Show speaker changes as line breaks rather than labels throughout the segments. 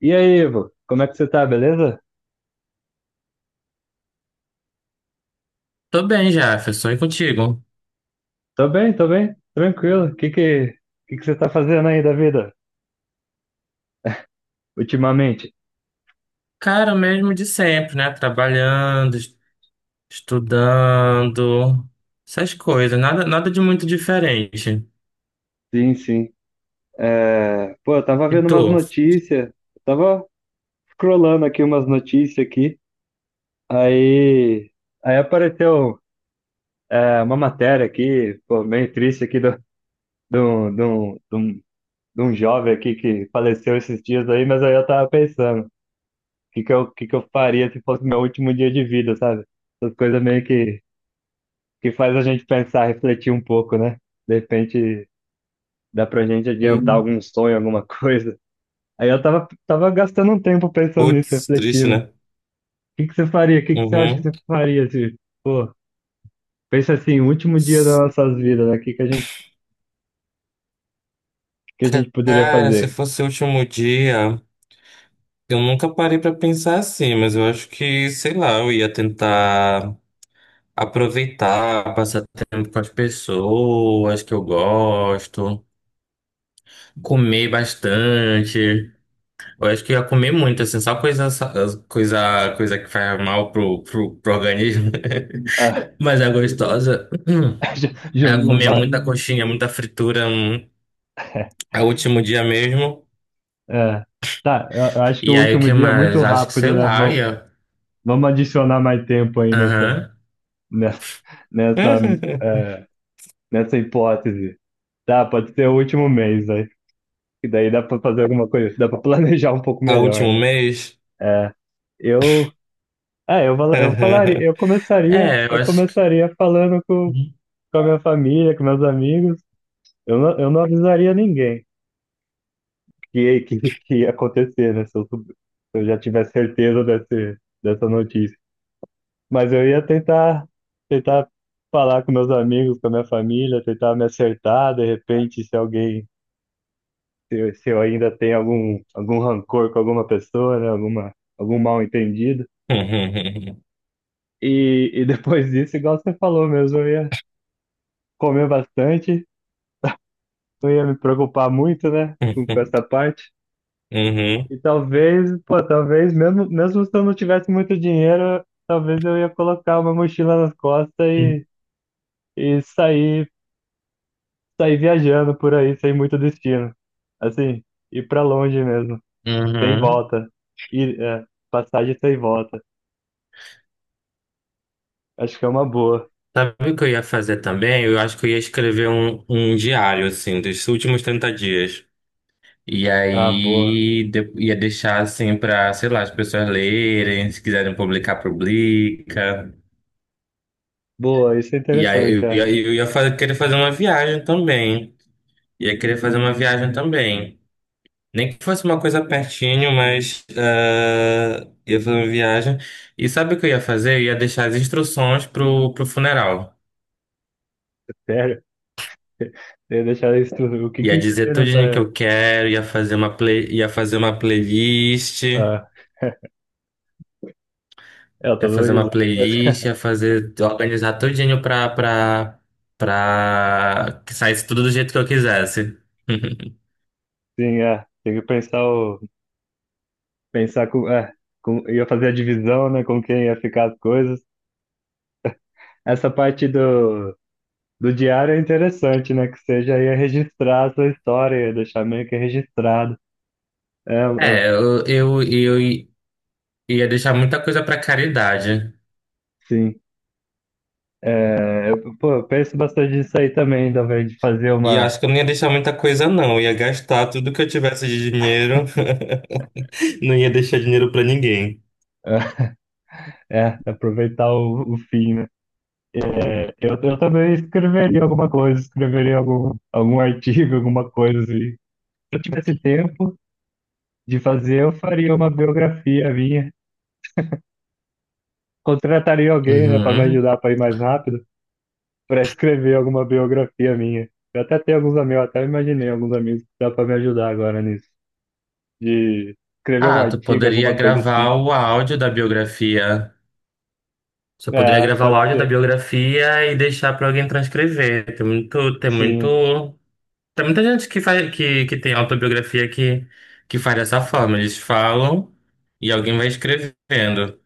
E aí, Ivo, como é que você tá, beleza?
Tô bem, Jefferson, e contigo?
Tô bem, tranquilo. O que que você tá fazendo aí da vida ultimamente?
Cara, o mesmo de sempre, né? Trabalhando, estudando, essas coisas, nada de muito diferente.
Sim, sim. Pô, eu tava
E
vendo umas
tu?
notícias, eu tava scrollando aqui umas notícias aqui, aí, aí apareceu uma matéria aqui, pô, meio triste aqui, do, do, do, de um jovem aqui que faleceu esses dias aí. Mas aí eu tava pensando, o que que eu faria se fosse meu último dia de vida, sabe? Essas coisas meio que faz a gente pensar, refletir um pouco, né? De repente dá pra gente adiantar
Hum.
algum sonho, alguma coisa. Aí eu tava gastando um tempo pensando nisso,
Putz, triste,
refletindo. O
né?
que que você faria? O que que você acha que
Uhum.
você faria se, pô, pensa assim, o último dia
S-
das nossas vidas, né? O que que a gente poderia
Cara, se
fazer?
fosse o último dia, eu nunca parei pra pensar assim, mas eu acho que, sei lá, eu ia tentar aproveitar, passar tempo com as pessoas que eu gosto, comer bastante. Eu acho que eu ia comer muito, assim, só coisa, coisa que faz mal pro organismo.
Ah,
Mas é gostosa.
já-
Eu
já
ia
não
comer
vai.
muita coxinha, muita fritura, é o último dia mesmo.
É, tá, eu acho que o
E aí, o
último
que
dia é muito
mais? Acho que,
rápido,
sei
né?
lá, eu
Vamos,
ia...
vamos adicionar mais tempo aí
Aham.
nessa, nessa, é, nessa hipótese. Dá Pode ser o último mês, né? E daí dá pra fazer alguma coisa, dá pra planejar um pouco
É o
melhor,
último
né?
mês?
É, eu, eu começaria,
É, eu
eu
acho que...
começaria falando com a minha família, com meus amigos. Eu não avisaria ninguém que ia acontecer, né? Se eu já tivesse certeza dessa notícia. Mas eu ia tentar falar com meus amigos, com a minha família, tentar me acertar, de repente, se eu ainda tenho algum rancor com alguma pessoa, né? Algum mal-entendido.
Uhum.
E depois disso, igual você falou mesmo, eu ia comer bastante, não ia me preocupar muito, né? Com essa parte.
Uhum.
E pô, talvez, mesmo se eu não tivesse muito dinheiro, talvez eu ia colocar uma mochila nas costas e sair viajando por aí, sem muito destino. Assim, ir pra longe mesmo, sem
Uhum.
volta. Ir, passagem sem volta. Acho que é uma boa.
Sabe o que eu ia fazer também? Eu acho que eu ia escrever um diário, assim, dos últimos 30 dias. E
Ah, boa.
aí ia deixar assim para, sei lá, as pessoas lerem, se quiserem publicar, publica.
Boa, isso é
E aí
interessante, é.
eu ia querer fazer uma viagem também. Ia querer fazer uma viagem também. Nem que fosse uma coisa pertinho, mas ah, ia fazer uma viagem. E sabe o que eu ia fazer? Eu ia deixar as instruções pro funeral.
Sério. Tem deixar isso tudo. O que que
Ia
ia
dizer
ter
tudinho que eu
nessa.
quero, ia fazer uma playlist.
Ah, eu tô
Ia
dando
fazer uma
risada, mas
playlist, ia fazer, organizar tudinho pra que saísse tudo do jeito que eu quisesse.
sim, é. Tem que pensar o. Pensar com. É, com ia fazer a divisão, né? Com quem ia ficar as coisas. Essa parte do diário é interessante, né? Que seja já ia registrar a sua história, ia deixar meio que registrado. É,
É, eu ia deixar muita coisa pra caridade.
sim. É, pô, eu penso bastante nisso aí também, talvez, de fazer
E eu
uma.
acho que eu não ia deixar muita coisa, não. Eu ia gastar tudo que eu tivesse de dinheiro. Não ia deixar dinheiro pra ninguém.
É, aproveitar o fim, né? É, eu também escreveria alguma coisa, escreveria algum artigo, alguma coisa assim. Se eu tivesse tempo de fazer, eu faria uma biografia minha. Contrataria alguém, né, para me
Uhum.
ajudar para ir mais rápido, para escrever alguma biografia minha. Eu até tenho alguns amigos, até imaginei alguns amigos que dá para me ajudar agora nisso, de escrever um
Ah, tu
artigo,
poderia
alguma coisa
gravar
assim.
o áudio da biografia. Você poderia
É,
gravar o
pode
áudio da
ser.
biografia e deixar pra alguém transcrever. Tem
Sim.
muito. Tem muita gente que faz, que tem autobiografia que faz dessa forma. Eles falam e alguém vai escrevendo.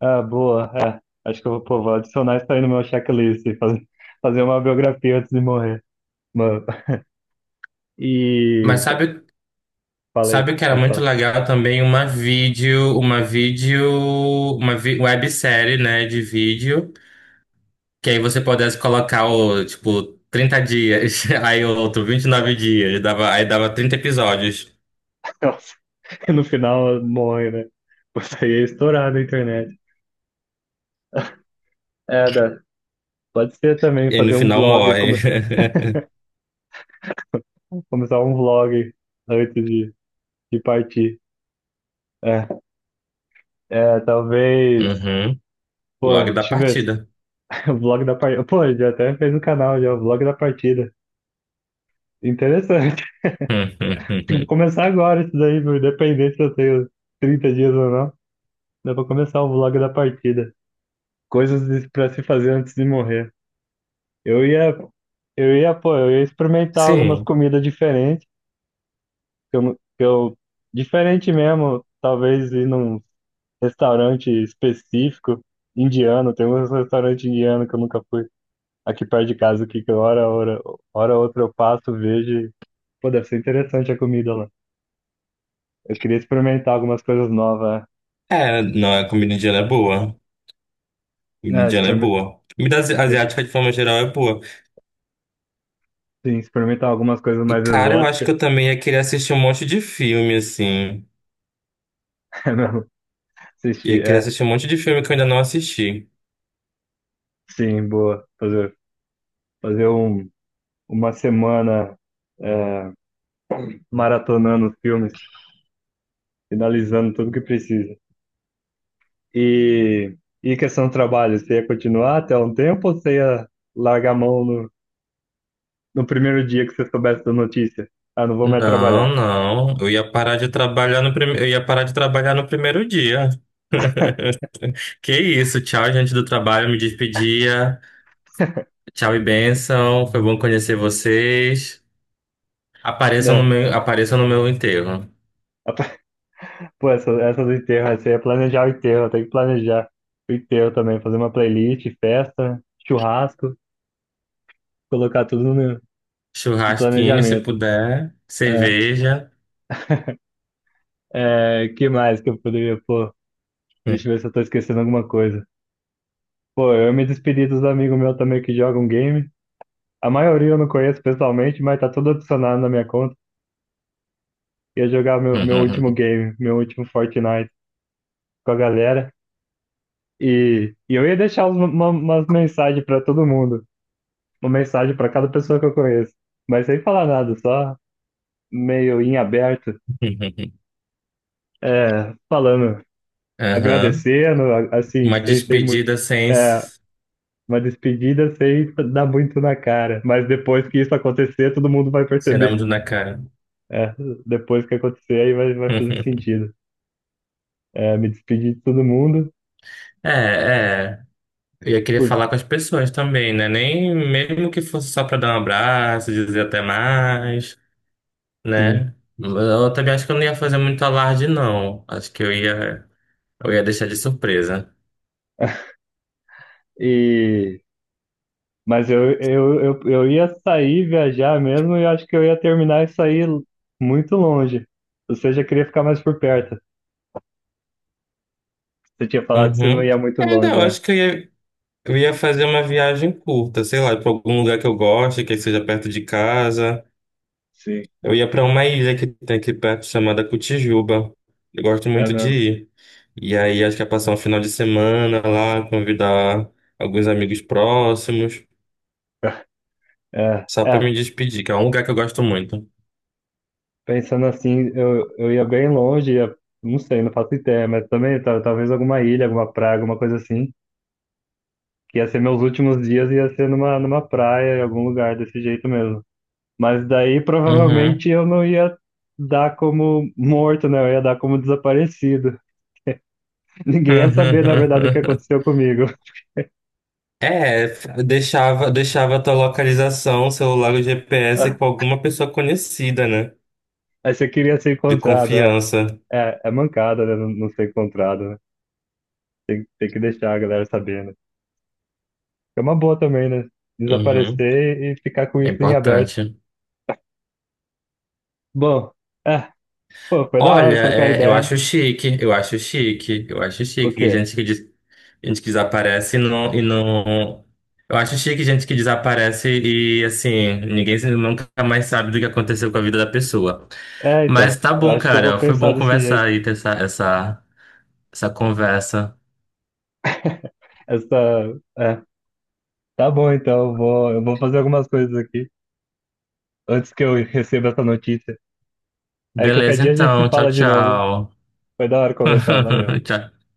Ah, boa. É, acho que eu pô, vou adicionar isso aí no meu checklist, fazer uma biografia antes de morrer. Mano,
Mas
e
sabe,
falei,
sabe o que era
pode
muito
falar.
legal também? Uma vídeo, uma vídeo, uma vi- Websérie, né, de vídeo, que aí você pudesse colocar o, tipo, 30 dias, aí o outro 29 dias, dava, aí dava 30 episódios.
Nossa, no final morre, né? Você ia estourar na internet. É, dá. Pode ser também
E aí no
fazer um
final
vlog,
morre.
come- começar um vlog antes de partir. É, é, talvez.
Uhum.
Pô,
Logo da
deixa eu ver.
partida.
O vlog da partida. Pô, já até fez no canal já, o vlog da partida. Interessante. Vou começar agora isso daí, meu, independente se eu tenho 30 dias ou não. Dá pra começar o vlog da partida. Coisas pra se fazer antes de morrer. Eu ia, pô, eu ia experimentar algumas
Sim.
comidas diferentes, que eu, não- que eu, diferente mesmo, talvez ir num restaurante específico indiano. Tem um restaurante indiano que eu nunca fui aqui perto de casa, aqui, que hora outra eu passo, vejo, e, pô, deve ser interessante a comida lá. Eu queria experimentar algumas coisas novas,
É, não, a comida indiana é boa.
né.
Indiana é boa. Comida
Exper-
asiática, de forma geral, é boa.
sim, experimentar algumas coisas
E,
mais
cara, eu acho que
exóticas,
eu também ia querer assistir um monte de filme, assim.
é mesmo,
Ia
assistir,
querer assistir um monte de filme que eu ainda não assisti.
sim, boa, fazer um uma semana é, maratonando filmes, finalizando tudo que precisa. E, e questão do trabalho, você ia continuar até um tempo ou você ia largar a mão no primeiro dia que você soubesse da notícia? Ah, não vou mais
Não,
trabalhar,
não. Eu ia parar de trabalhar no primeiro dia. Que isso, tchau, gente do trabalho, me despedia. Tchau e bênção. Foi bom conhecer vocês.
né?
Apareçam no meu enterro.
Pô, essa, do enterro, essa ia planejar o enterro. Tem que planejar o enterro também, fazer uma playlist, festa, churrasco, colocar tudo no
Churrasquinho, se
planejamento.
puder.
É,
Cerveja.
é, que mais que eu poderia, pô, deixa eu ver se eu tô esquecendo alguma coisa. Pô, eu me despedi dos amigos meus também que jogam game. A maioria eu não conheço pessoalmente, mas tá tudo adicionado na minha conta. Ia jogar meu último game, meu último Fortnite com a galera. E eu ia deixar umas mensagens pra todo mundo. Uma mensagem pra cada pessoa que eu conheço. Mas sem falar nada, só meio em aberto. É, falando,
Aham.
agradecendo, assim,
Uma
sem muito.
despedida sem
É,
s-
uma despedida sem dar muito na cara. Mas depois que isso acontecer, todo mundo vai perceber.
sinônimo na cara.
É, depois que acontecer, aí vai fazer sentido. É, me despedi de todo mundo,
É, é. E eu queria
por
falar com as pessoas também, né? Nem mesmo que fosse só pra dar um abraço, dizer até mais,
sim.
né? Eu também acho que eu não ia fazer muito alarde, não. Acho que eu ia deixar de surpresa.
E, mas eu ia sair, viajar mesmo, e eu acho que eu ia terminar e sair muito longe. Ou seja, eu queria ficar mais por perto. Você tinha falado que você não
Uhum.
ia muito
É, não,
longe,
eu
é.
acho que eu ia fazer uma viagem curta, sei lá, pra algum lugar que eu goste, que seja perto de casa.
Sim,
Eu ia para uma ilha que tem aqui perto chamada Cotijuba. Eu gosto
é
muito de
mesmo.
ir. E aí acho que ia passar um final de semana lá, convidar alguns amigos próximos,
É,
só para
é,
me despedir, que é um lugar que eu gosto muito.
pensando assim, eu ia bem longe, ia, não sei, não faço ideia, mas também talvez alguma ilha, alguma praia, alguma coisa assim. Que ia ser meus últimos dias, ia ser numa praia, em algum lugar desse jeito mesmo. Mas daí
Uhum.
provavelmente eu não ia dar como morto, né? Eu ia dar como desaparecido. Ninguém ia saber, na verdade, o que aconteceu comigo.
É, deixava a tua localização, celular ou GPS com
Ah.
alguma pessoa conhecida, né?
Aí você queria ser
De
encontrado, é.
confiança.
É, é mancada, né? Não, não ser encontrado, né? Tem que deixar a galera sabendo. É uma boa também, né?
Uhum.
Desaparecer e ficar com
É
isso em aberto.
importante.
Bom, é, pô, foi da
Olha,
hora trocar
é,
ideia.
eu acho
O
chique que
quê?
gente que, gente que desaparece e não. Eu acho chique gente que desaparece e, assim, ninguém se- nunca mais sabe do que aconteceu com a vida da pessoa.
É,
Mas
então,
tá
eu
bom,
acho que eu
cara,
vou
foi
pensar
bom
desse jeito.
conversar e ter essa conversa.
Essa, é, tá bom, então, eu vou, fazer algumas coisas aqui antes que eu receba essa notícia. Aí qualquer
Beleza,
dia a gente se
então,
fala de novo.
tchau.
Foi da hora conversar, valeu.
Tchau.